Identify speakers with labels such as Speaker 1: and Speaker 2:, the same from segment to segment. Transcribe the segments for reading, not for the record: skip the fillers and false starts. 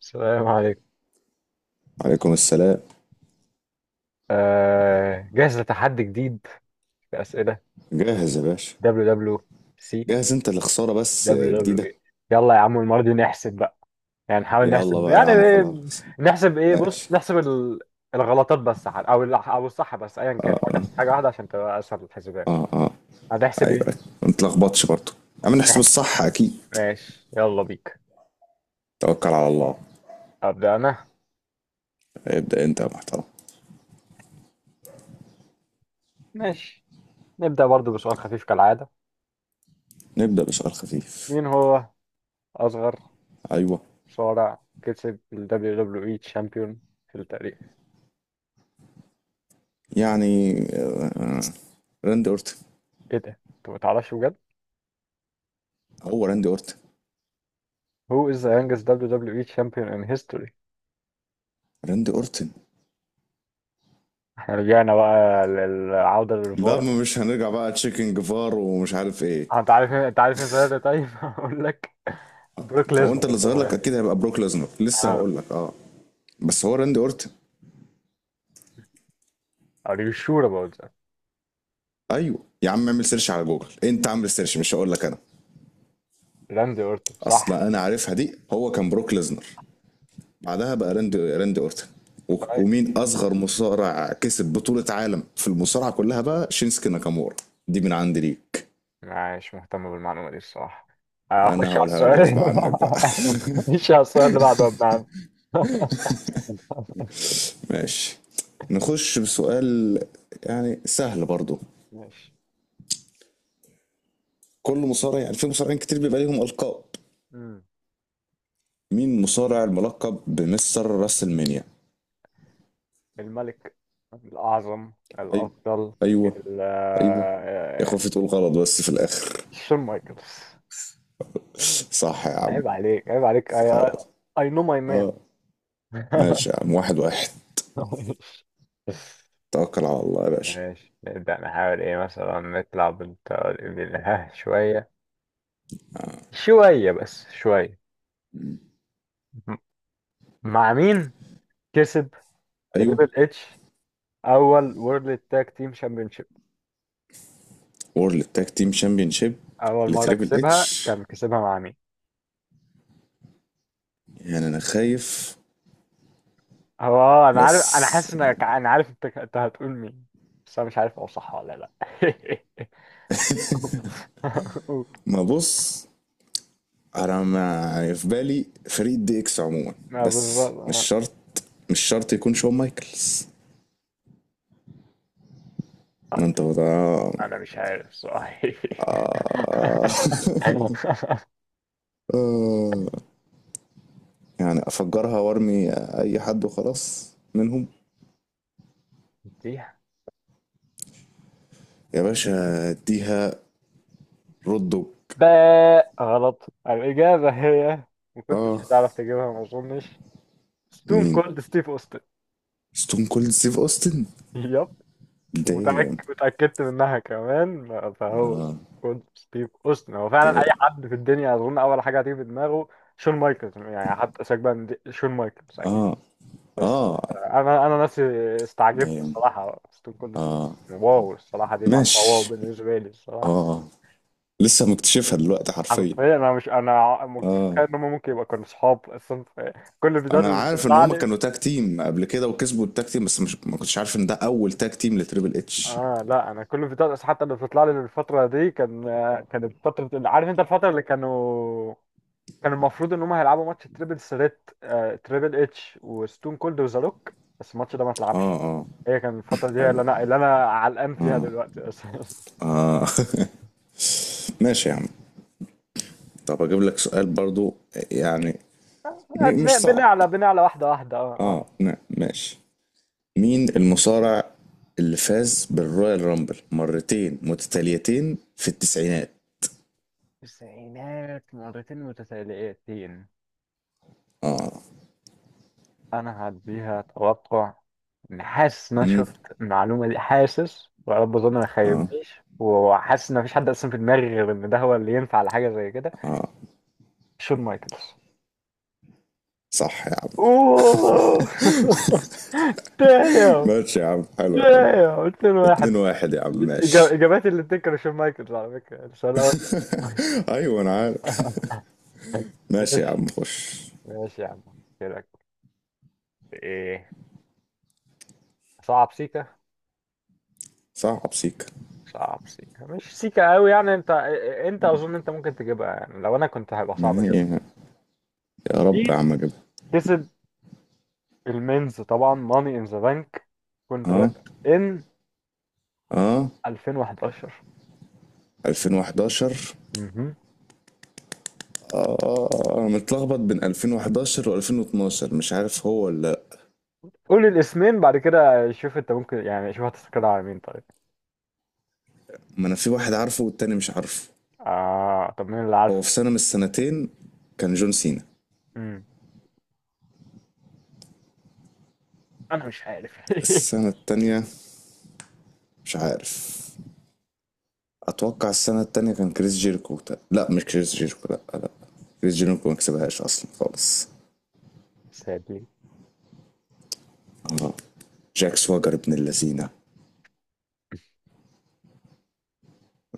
Speaker 1: السلام عليكم.
Speaker 2: عليكم السلام.
Speaker 1: جاهز لتحدي جديد؟ في أسئلة.
Speaker 2: جاهز يا باشا.
Speaker 1: دبليو دبليو سي،
Speaker 2: جاهز انت لخسارة بس
Speaker 1: دبليو دبليو
Speaker 2: جديدة.
Speaker 1: اي. يلا يا عم، المرة دي نحسب بقى، يعني نحاول
Speaker 2: يلا
Speaker 1: نحسب
Speaker 2: بقى يا
Speaker 1: يعني.
Speaker 2: عم خلاص.
Speaker 1: نحسب ايه؟
Speaker 2: ماشي.
Speaker 1: بص، نحسب الغلطات بس، او الصح، بس ايا كان نحاول
Speaker 2: اه
Speaker 1: نحسب حاجة واحدة عشان تبقى اسهل الحسابات.
Speaker 2: اه اه آه.
Speaker 1: هنحسب
Speaker 2: ايوه
Speaker 1: ايه؟
Speaker 2: ايوه. ما تلخبطش برضه. يا عم نحسب
Speaker 1: نحسب.
Speaker 2: الصح اكيد.
Speaker 1: ماشي، يلا بيك.
Speaker 2: توكل على الله.
Speaker 1: أبدأ انا.
Speaker 2: ابدأ انت يا محترم.
Speaker 1: ماشي، نبدأ برضو بسؤال خفيف كالعادة.
Speaker 2: نبدأ بسؤال خفيف.
Speaker 1: مين هو أصغر
Speaker 2: ايوه.
Speaker 1: مصارع كسب ال WWE Champion في التاريخ؟
Speaker 2: يعني راندي اورتن.
Speaker 1: ايه ده؟ انت ما تعرفش بجد؟
Speaker 2: هو راندي اورتن.
Speaker 1: Who is the youngest WWE champion in history؟
Speaker 2: راندي اورتن.
Speaker 1: احنا رجعنا بقى للعودة
Speaker 2: لا،
Speaker 1: للفار.
Speaker 2: ما مش هنرجع بقى تشيكن جيفار ومش عارف ايه.
Speaker 1: انت عارف مين ظاهر ده طيب؟ هقول لك، بروك
Speaker 2: هو
Speaker 1: ليزنر
Speaker 2: انت اللي
Speaker 1: كان
Speaker 2: ظاهر
Speaker 1: ظاهر
Speaker 2: لك
Speaker 1: ده.
Speaker 2: اكيد هيبقى بروك ليزنر، لسه
Speaker 1: اه.
Speaker 2: هقول لك. اه، بس هو راندي اورتن.
Speaker 1: are you sure about that؟
Speaker 2: ايوه يا عم، اعمل سيرش على جوجل، انت عامل سيرش، مش هقول لك انا.
Speaker 1: راندي اورتون صح.
Speaker 2: اصلا انا عارفها دي، هو كان بروك ليزنر بعدها بقى راندي اورتن. و-
Speaker 1: طيب،
Speaker 2: ومين اصغر مصارع كسب بطولة عالم في المصارعة كلها بقى؟ شينسكي ناكامورا. دي من عندي ليك.
Speaker 1: مش مهتم بالمعلومة دي الصراحة.
Speaker 2: انا
Speaker 1: اخش على
Speaker 2: هقولها لك
Speaker 1: السؤال
Speaker 2: غصب
Speaker 1: اللي
Speaker 2: عنك بقى.
Speaker 1: بعده. اخش على السؤال اللي بعده يا ابن عم.
Speaker 2: ماشي. نخش بسؤال يعني سهل برضو.
Speaker 1: ماشي.
Speaker 2: كل مصارع، يعني في مصارعين كتير بيبقى ليهم القاب.
Speaker 1: مم.
Speaker 2: مين مصارع الملقب بمستر راسلمانيا؟
Speaker 1: الملك الأعظم
Speaker 2: ايوه.
Speaker 1: الأفضل،
Speaker 2: ايوه.
Speaker 1: ال- آه،
Speaker 2: ايوه. يا
Speaker 1: آه،
Speaker 2: خوفي تقول غلط بس في الاخر.
Speaker 1: شون مايكلز.
Speaker 2: صح يا عم.
Speaker 1: عيب عليك، عيب عليك. اي،
Speaker 2: خلاص.
Speaker 1: اي نو ماي مان.
Speaker 2: اه. ماشي يا عم، واحد واحد. توكل على الله يا باشا.
Speaker 1: ماشي، نبدأ نحاول ايه مثلا، نطلع بالله شوية، شوية بس شوية. م- مع مين كسب
Speaker 2: ايوه.
Speaker 1: تريبل اتش اول وورلد تاج تيم شامبيونشيب؟
Speaker 2: وورلد تاج تيم شامبيونشيب
Speaker 1: اول مرة
Speaker 2: لتريبل
Speaker 1: كسبها
Speaker 2: اتش.
Speaker 1: كان كسبها مع مين؟
Speaker 2: يعني انا خايف
Speaker 1: هو انا عارف، انا
Speaker 2: بس.
Speaker 1: حاسس انك، انا عارف انت هتقول مين، بس انا مش عارف هو صح ولا لا.
Speaker 2: ما بص، انا ما في بالي فريق دي اكس عموما،
Speaker 1: ما
Speaker 2: بس
Speaker 1: بالظبط
Speaker 2: مش
Speaker 1: آه.
Speaker 2: شرط. مش شرط يكون شون مايكلز. ما
Speaker 1: طيب.
Speaker 2: انت بقى.
Speaker 1: انا مش عارف صحيح.
Speaker 2: آه. آه. يعني افجرها وارمي اي حد وخلاص منهم.
Speaker 1: تيح.
Speaker 2: يا باشا اديها. رود دوج.
Speaker 1: باء غلط. الإجابة هي، ما كنتش
Speaker 2: اه.
Speaker 1: هتعرف تجيبها ما أظنش، ستون
Speaker 2: مين؟
Speaker 1: كولد ستيف أوستن.
Speaker 2: ستون كولد ستيف اوستن.
Speaker 1: يب.
Speaker 2: دايم.
Speaker 1: ومتأك- وتأكدت منها كمان، فهو ستون كولد ستيف أوستن. هو فعلا أي
Speaker 2: دايم.
Speaker 1: حد في الدنيا أظن أول حاجة هتيجي في دماغه شون مايكلز، يعني حتى سيبك بقى شون مايكلز أكيد.
Speaker 2: اه.
Speaker 1: بس
Speaker 2: اه.
Speaker 1: أنا نفسي استعجبت
Speaker 2: دايم.
Speaker 1: الصراحة. ستون كولد ستيف أوستن، واو، الصراحة دي معلومة واو
Speaker 2: ماشي.
Speaker 1: بالنسبة لي الصراحة.
Speaker 2: اه. لسه مكتشفها دلوقتي حرفيا.
Speaker 1: حرفيا، انا ما كنتش
Speaker 2: اه
Speaker 1: متخيل ان هم ممكن يبقى كانوا صحاب اصلا، في كل الفيديوهات
Speaker 2: انا
Speaker 1: اللي
Speaker 2: عارف ان
Speaker 1: بتطلع
Speaker 2: هما
Speaker 1: لي.
Speaker 2: كانوا تاج تيم قبل كده وكسبوا التاج تيم بس مش، ما كنتش عارف ان ده اول تاج تيم لتريبل اتش.
Speaker 1: اه لا، انا كل الفيديوهات حتى اللي بتطلع لي الفتره دي كان، كانت فتره، عارف انت الفتره اللي كانوا، كان المفروض ان هم هيلعبوا ماتش تريبل سريت، تريبل اتش وستون كولد وذا روك، بس الماتش ده ما
Speaker 2: اه.
Speaker 1: اتلعبش.
Speaker 2: اه.
Speaker 1: هي كان الفتره دي اللي
Speaker 2: ايوه.
Speaker 1: انا اللي انا علقان فيها دلوقتي اصلا.
Speaker 2: اه. ماشي يا عم. طب اجيب لك سؤال برضو، يعني مش
Speaker 1: بن-
Speaker 2: صعب.
Speaker 1: بنعلى بنعلى واحده واحده. اه اه.
Speaker 2: اه، نعم، ماشي. مين المصارع اللي فاز بالرويال رامبل مرتين متتاليتين في التسعينات؟
Speaker 1: التسعينات مرتين متتاليتين، انا هديها توقع. إن حاسس ان انا شفت المعلومه دي، حاسس، ويا رب اظن ما خيبنيش، وحاسس ان مفيش حد اصلا في دماغي غير ان ده هو اللي ينفع لحاجه زي كده. شون مايكلز.
Speaker 2: صح يا عم.
Speaker 1: اوه. دايم.
Speaker 2: ماشي يا عم، حلو يا عم.
Speaker 1: دايم، اتنين
Speaker 2: اتنين
Speaker 1: واحد.
Speaker 2: واحد يا عم، ماشي.
Speaker 1: اجابات اللي تذكر شون مايكلز، على فكره السؤال الاول.
Speaker 2: ايوه انا عارف. ماشي يا
Speaker 1: ماشي.
Speaker 2: عم، خش.
Speaker 1: ماشي يا عم. كده، ايه، صعب سيكا.
Speaker 2: صعب سيكا.
Speaker 1: صعب سيكا، مش سيكا قوي يعني، انت، انت اظن انت ممكن تجيبها، يعني لو انا كنت هيبقى
Speaker 2: ما
Speaker 1: صعب اجيبها.
Speaker 2: هي، يا رب
Speaker 1: مين
Speaker 2: يا عم اجيبها.
Speaker 1: كسب المينز طبعا ماني ان ذا بانك
Speaker 2: اه.
Speaker 1: كونتراكت ان
Speaker 2: اه.
Speaker 1: 2011؟
Speaker 2: 2011.
Speaker 1: مهم.
Speaker 2: اه، انا متلخبط بين 2011 و2012، مش عارف هو ولا لأ.
Speaker 1: قول الاسمين بعد كده شوف انت ممكن يعني، شوف هتستقر على مين طيب.
Speaker 2: ما انا في واحد عارفه والتاني مش عارفه.
Speaker 1: اه، طب مين اللي
Speaker 2: هو
Speaker 1: عارفه؟
Speaker 2: في سنة من السنتين كان جون سينا.
Speaker 1: مم. انا مش عارف.
Speaker 2: السنة التانية مش عارف. أتوقع السنة التانية كان كريس جيريكو. لا، مش كريس جيريكو، لا لا. كريس جيريكو ما كسبهاش أصلا خالص.
Speaker 1: سادي.
Speaker 2: آه. جاك سواجر ابن اللذينة.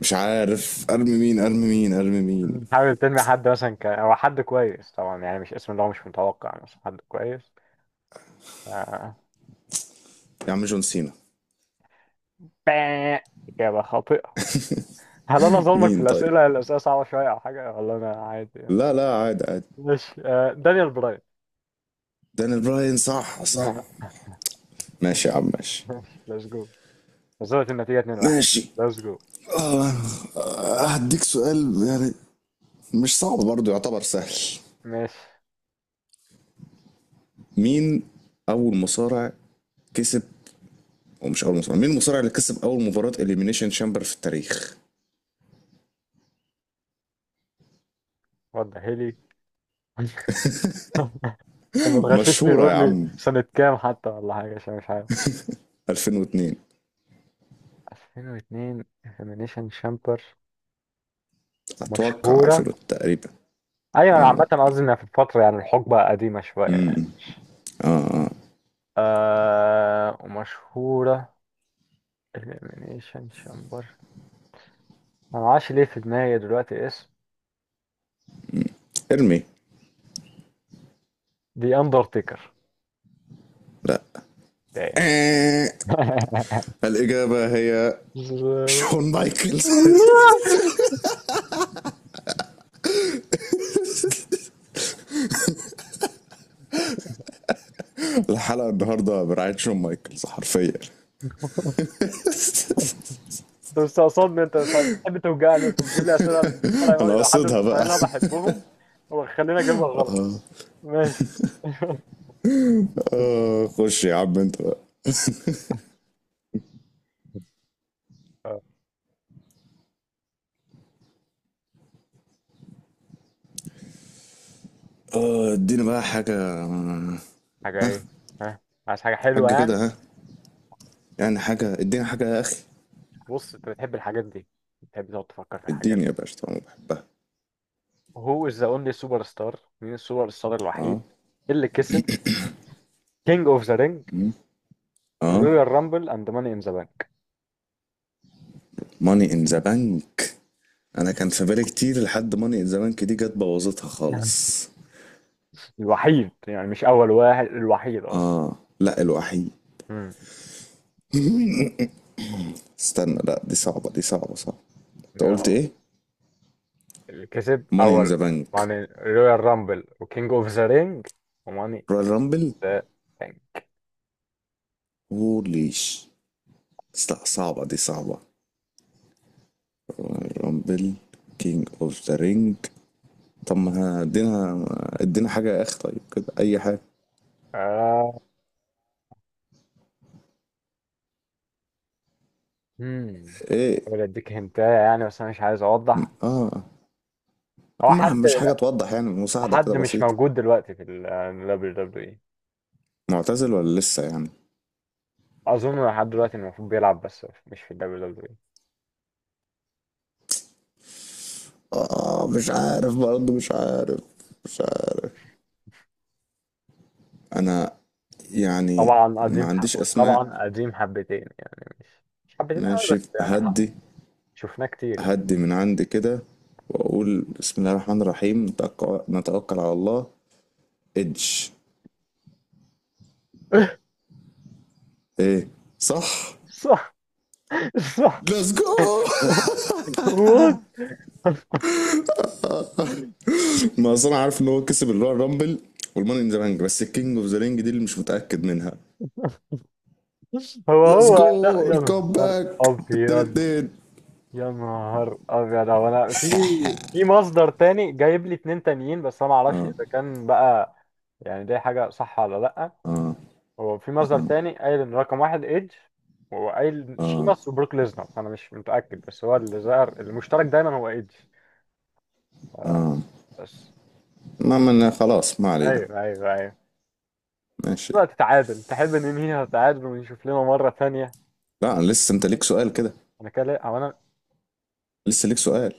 Speaker 2: مش عارف أرمي مين، أرمي مين، أرمي مين.
Speaker 1: مم. حاول تنمي حد مثلا، او حد كويس طبعا، يعني مش اسم اللي هو مش متوقع، مثلا حد كويس. آه.
Speaker 2: يا عم جون سينا.
Speaker 1: باه. إجابة خاطئة. هل انا ظلمك في
Speaker 2: مين طيب؟
Speaker 1: الاسئله، الاسئله صعبه شويه او حاجه، ولا انا عادي يعني؟
Speaker 2: لا لا، عادي عادي.
Speaker 1: ماشي، آه، دانيال براين.
Speaker 2: دانيال براين؟ صح صح. ماشي يا
Speaker 1: ماشي.
Speaker 2: عم ماشي.
Speaker 1: ليتس جو. وصلت النتيجه 2-1.
Speaker 2: ماشي.
Speaker 1: ليتس جو.
Speaker 2: هديك سؤال يعني مش صعب برضه، يعتبر سهل.
Speaker 1: ماشي.
Speaker 2: مين اول مصارع كسب، او مش اول مصارع، مين المصارع اللي كسب اول مباراة اليمينيشن شامبر في التاريخ؟
Speaker 1: وضح لي. طب ما تغششني
Speaker 2: مشهورة
Speaker 1: وقول
Speaker 2: يا
Speaker 1: لي
Speaker 2: عم.
Speaker 1: سنه كام حتى ولا حاجه، عشان مش عارف.
Speaker 2: 2002.
Speaker 1: 2002، انفيمينيشن شامبر،
Speaker 2: اتوقع
Speaker 1: مشهوره.
Speaker 2: 2000 تقريبا.
Speaker 1: ايوه، أنا عامه قصدي انها في الفتره يعني الحقبه قديمه شويه يعني. آه، ومشهورة، الإليمينيشن شامبر. أنا معرفش ليه في دماغي دلوقتي اسم
Speaker 2: ارمي.
Speaker 1: The Undertaker.
Speaker 2: لا.
Speaker 1: damn.
Speaker 2: آه. الاجابة هي، شون مايكلز.
Speaker 1: انت
Speaker 2: الحلقة النهاردة برعاية شون مايكلز حرفيا.
Speaker 1: مستقصدني، انت بتحب توجعني، انت تجيب لي اسئله عن المصارعه
Speaker 2: انا
Speaker 1: الى حد
Speaker 2: قصدها
Speaker 1: المصارعين
Speaker 2: بقى.
Speaker 1: اللي انا بحبهم، وخلينا اجيبها غلط.
Speaker 2: آه.
Speaker 1: ماشي.
Speaker 2: آه. خش يا عم انت بقى.
Speaker 1: آه،
Speaker 2: اه اديني بقى حاجة.
Speaker 1: حاجه ايه؟ ها، عايز حاجه
Speaker 2: حاجة
Speaker 1: حلوه يعني.
Speaker 2: كده. ها. يعني حاجة، اديني حاجة يا اخي.
Speaker 1: بص، انت بتحب الحاجات دي، بتحب تقعد تفكر في الحاجات
Speaker 2: اديني يا
Speaker 1: دي.
Speaker 2: باشا طالما بحبها.
Speaker 1: هو از ذا اونلي سوبر ستار، مين السوبر ستار الوحيد
Speaker 2: اه.
Speaker 1: اللي كسب كينج اوف ذا رينج،
Speaker 2: اه.
Speaker 1: رويال رامبل، اند ماني ان ذا بانك؟
Speaker 2: ماني ان ذا بانك. انا كان في بالي كتير لحد ماني ان ذا بانك دي، جت بوظتها خالص.
Speaker 1: الوحيد يعني مش أول واحد، الوحيد أصلا.
Speaker 2: اه لا، الوحيد.
Speaker 1: امم.
Speaker 2: استنى، لا دي صعبة، دي صعبة صعبة. انت
Speaker 1: يا-
Speaker 2: قلت ايه؟
Speaker 1: اللي كسب
Speaker 2: ماني ان ذا
Speaker 1: أول
Speaker 2: بانك.
Speaker 1: ماني، رويال رامبل، وكينج أوف ذا رينج، وماني
Speaker 2: رويال رامبل.
Speaker 1: ذا رينج.
Speaker 2: هوليش. لا صعبة، دي صعبة. رويال رامبل. كينج اوف ذا رينج. طب ما ادينا، ادينا حاجة يا اخ، طيب كده اي حاجة.
Speaker 1: آه. مم.
Speaker 2: ايه.
Speaker 1: أقول أديك هنتاية يعني، بس أنا مش عايز أوضح.
Speaker 2: اه.
Speaker 1: هو
Speaker 2: ما
Speaker 1: حد،
Speaker 2: مش حاجة توضح، يعني مساعدة كده
Speaker 1: حد مش
Speaker 2: بسيطة.
Speaker 1: موجود دلوقتي في ال دبليو دبليو إي.
Speaker 2: معتزل ولا لسه يعني؟
Speaker 1: أظن لحد دلوقتي المفروض بيلعب، بس مش في الدبليو دبليو إي.
Speaker 2: آه، مش عارف برضه. مش عارف. مش عارف. انا يعني
Speaker 1: طبعا
Speaker 2: ما
Speaker 1: قديم
Speaker 2: عنديش
Speaker 1: حقه،
Speaker 2: اسماء.
Speaker 1: طبعا قديم حبتين يعني، مش، مش حبتين قوي
Speaker 2: ماشي
Speaker 1: بس يعني
Speaker 2: هدي.
Speaker 1: حق. شفناه كتير يعني.
Speaker 2: هدي من عندي كده. واقول بسم الله الرحمن الرحيم، نتوكل على الله. ادج. ايه؟ صح؟
Speaker 1: صح. صح.
Speaker 2: ليتس جو.
Speaker 1: وات.
Speaker 2: ما اصل انا عارف ان هو كسب اللي هو الرامبل والماني ان ذا بانك، بس الكينج اوف ذا رينج دي اللي مش متاكد منها.
Speaker 1: هو
Speaker 2: ليتس
Speaker 1: هو لا،
Speaker 2: جو.
Speaker 1: يا نهار
Speaker 2: الكومباك التاني،
Speaker 1: ابيض.
Speaker 2: اتنين.
Speaker 1: يا نهار ابيض، هو انا في، في مصدر تاني جايب لي اتنين تانيين، بس انا ما اعرفش اذا كان بقى يعني دي حاجه صح ولا لا. هو في مصدر تاني قايل ان رقم واحد ايدج، وهو قايل شيماس وبروك ليزنر، انا مش متاكد، بس هو اللي ظهر المشترك دايما هو ايدج. آه، بس.
Speaker 2: ما من خلاص، ما علينا.
Speaker 1: ايوه ايوه ايوه.
Speaker 2: ماشي.
Speaker 1: دلوقتي تعادل، تحب ننهيها تعادل ونشوف لنا مره تانيه؟
Speaker 2: لا أنا لسه، انت ليك سؤال كده.
Speaker 1: انا كده، هو انا،
Speaker 2: لسه ليك سؤال.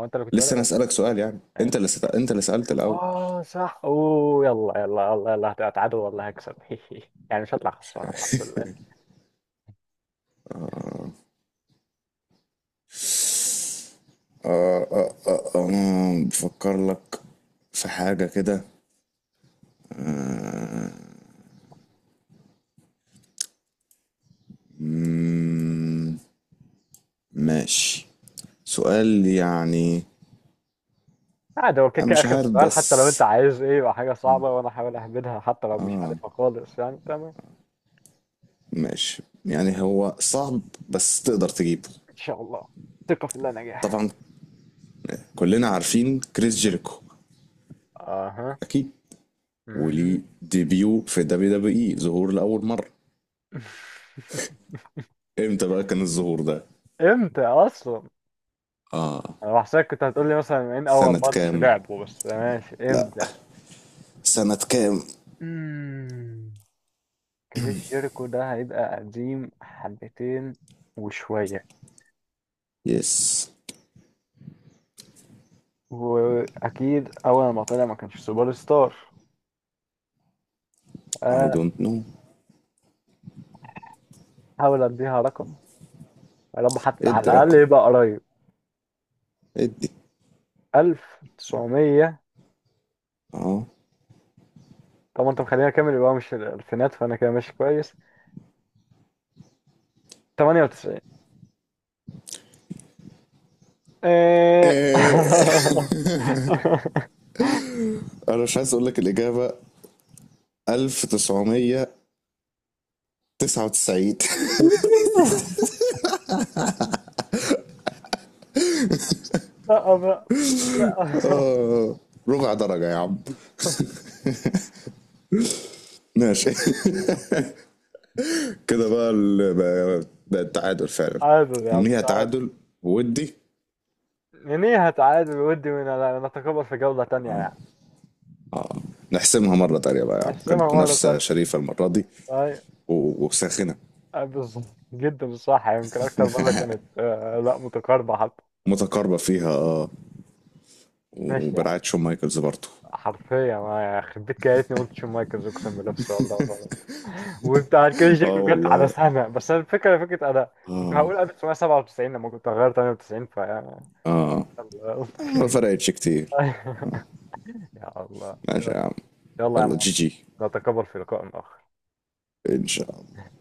Speaker 1: هو انت اللي كنت بادئ
Speaker 2: لسه انا
Speaker 1: ولا؟
Speaker 2: اسالك سؤال، يعني انت اللي
Speaker 1: ماشي.
Speaker 2: انت اللي سالت الاول.
Speaker 1: اه صح، اوه، يلا هتعادل، والله هكسب. يعني مش هطلع خسران، الحمد لله.
Speaker 2: آه. بفكر لك في حاجة كده. آه. مم، ماشي. سؤال يعني.
Speaker 1: عادي، هو كده
Speaker 2: أنا
Speaker 1: كده
Speaker 2: مش
Speaker 1: اخر
Speaker 2: عارف
Speaker 1: سؤال، حتى لو
Speaker 2: بس،
Speaker 1: انت عايز ايه يبقى حاجه صعبه وانا احاول اهبدها حتى لو مش عارفها خالص، يعني تمام.
Speaker 2: ماشي يعني هو صعب بس تقدر تجيبه.
Speaker 1: ان شاء الله. ثقه في الله نجاح.
Speaker 2: طبعا. كلنا عارفين كريس جيريكو
Speaker 1: اها.
Speaker 2: أكيد. وليه
Speaker 1: مهم.
Speaker 2: ديبيو في دبليو دبليو اي، ظهور لأول مرة. امتى بقى كان الظهور ده؟
Speaker 1: امتى اصلا؟ انا بحسك كنت هتقول لي مثلا من اول
Speaker 2: سنة
Speaker 1: ماتش
Speaker 2: كام؟
Speaker 1: لعبه، بس ماشي
Speaker 2: لا،
Speaker 1: امتى.
Speaker 2: سنة كام؟
Speaker 1: امم. كريس جيريكو ده هيبقى قديم حبتين وشوية،
Speaker 2: يس.
Speaker 1: واكيد اول ما طلع ما كانش سوبر ستار.
Speaker 2: اي
Speaker 1: آه،
Speaker 2: دونت نو.
Speaker 1: حاول اديها رقم. يا رب حتى على
Speaker 2: ادي
Speaker 1: الاقل
Speaker 2: رقم.
Speaker 1: يبقى قريب.
Speaker 2: ادي.
Speaker 1: 1900.
Speaker 2: اه.
Speaker 1: طب انت مخلينا كامل يبقى مش الالفينات، فانا كده ماشي كويس. 98. إيه.
Speaker 2: إيه. انا مش عايز اقول لك الاجابة. 1999.
Speaker 1: لا بقى. لا.
Speaker 2: آه. ربع درجة يا عم. ماشي. كده بقى بقى التعادل فعلا.
Speaker 1: عادل يا عم،
Speaker 2: ننهيها
Speaker 1: تعادل.
Speaker 2: تعادل ودي.
Speaker 1: منيها تعادل، ودي من، نتقابل في جولة تانية يعني.
Speaker 2: آه. نحسمها مرة تانية بقى يا عم،
Speaker 1: نحسمها
Speaker 2: كانت
Speaker 1: مرة
Speaker 2: منافسة
Speaker 1: تانية.
Speaker 2: شريفة المرة دي، وساخنه.
Speaker 1: بالظبط جدا صح، يمكن اكتر مره كانت لا متقاربه حتى.
Speaker 2: متقاربه فيها اه.
Speaker 1: ماشي يعني،
Speaker 2: وبرعايه شون مايكلز برضه.
Speaker 1: حرفيا ما خبيت كده، يا ريتني قلت شون مايكلز اقسم بالله في السؤال ده وخلاص. وبتاع كل شيء
Speaker 2: اه
Speaker 1: جت على
Speaker 2: والله.
Speaker 1: سنه، بس أنا الفكره فكره انا كنت
Speaker 2: اه.
Speaker 1: هقول 1997، لما كنت هغير 98 فيعني.
Speaker 2: اه.
Speaker 1: يلا.
Speaker 2: ما فرقتش كتير.
Speaker 1: يلا. يا الله.
Speaker 2: ماشي يا عم.
Speaker 1: يلا يا
Speaker 2: يلا
Speaker 1: معلم.
Speaker 2: جي جي.
Speaker 1: نتقابل في لقاء آخر.
Speaker 2: ان شاء الله.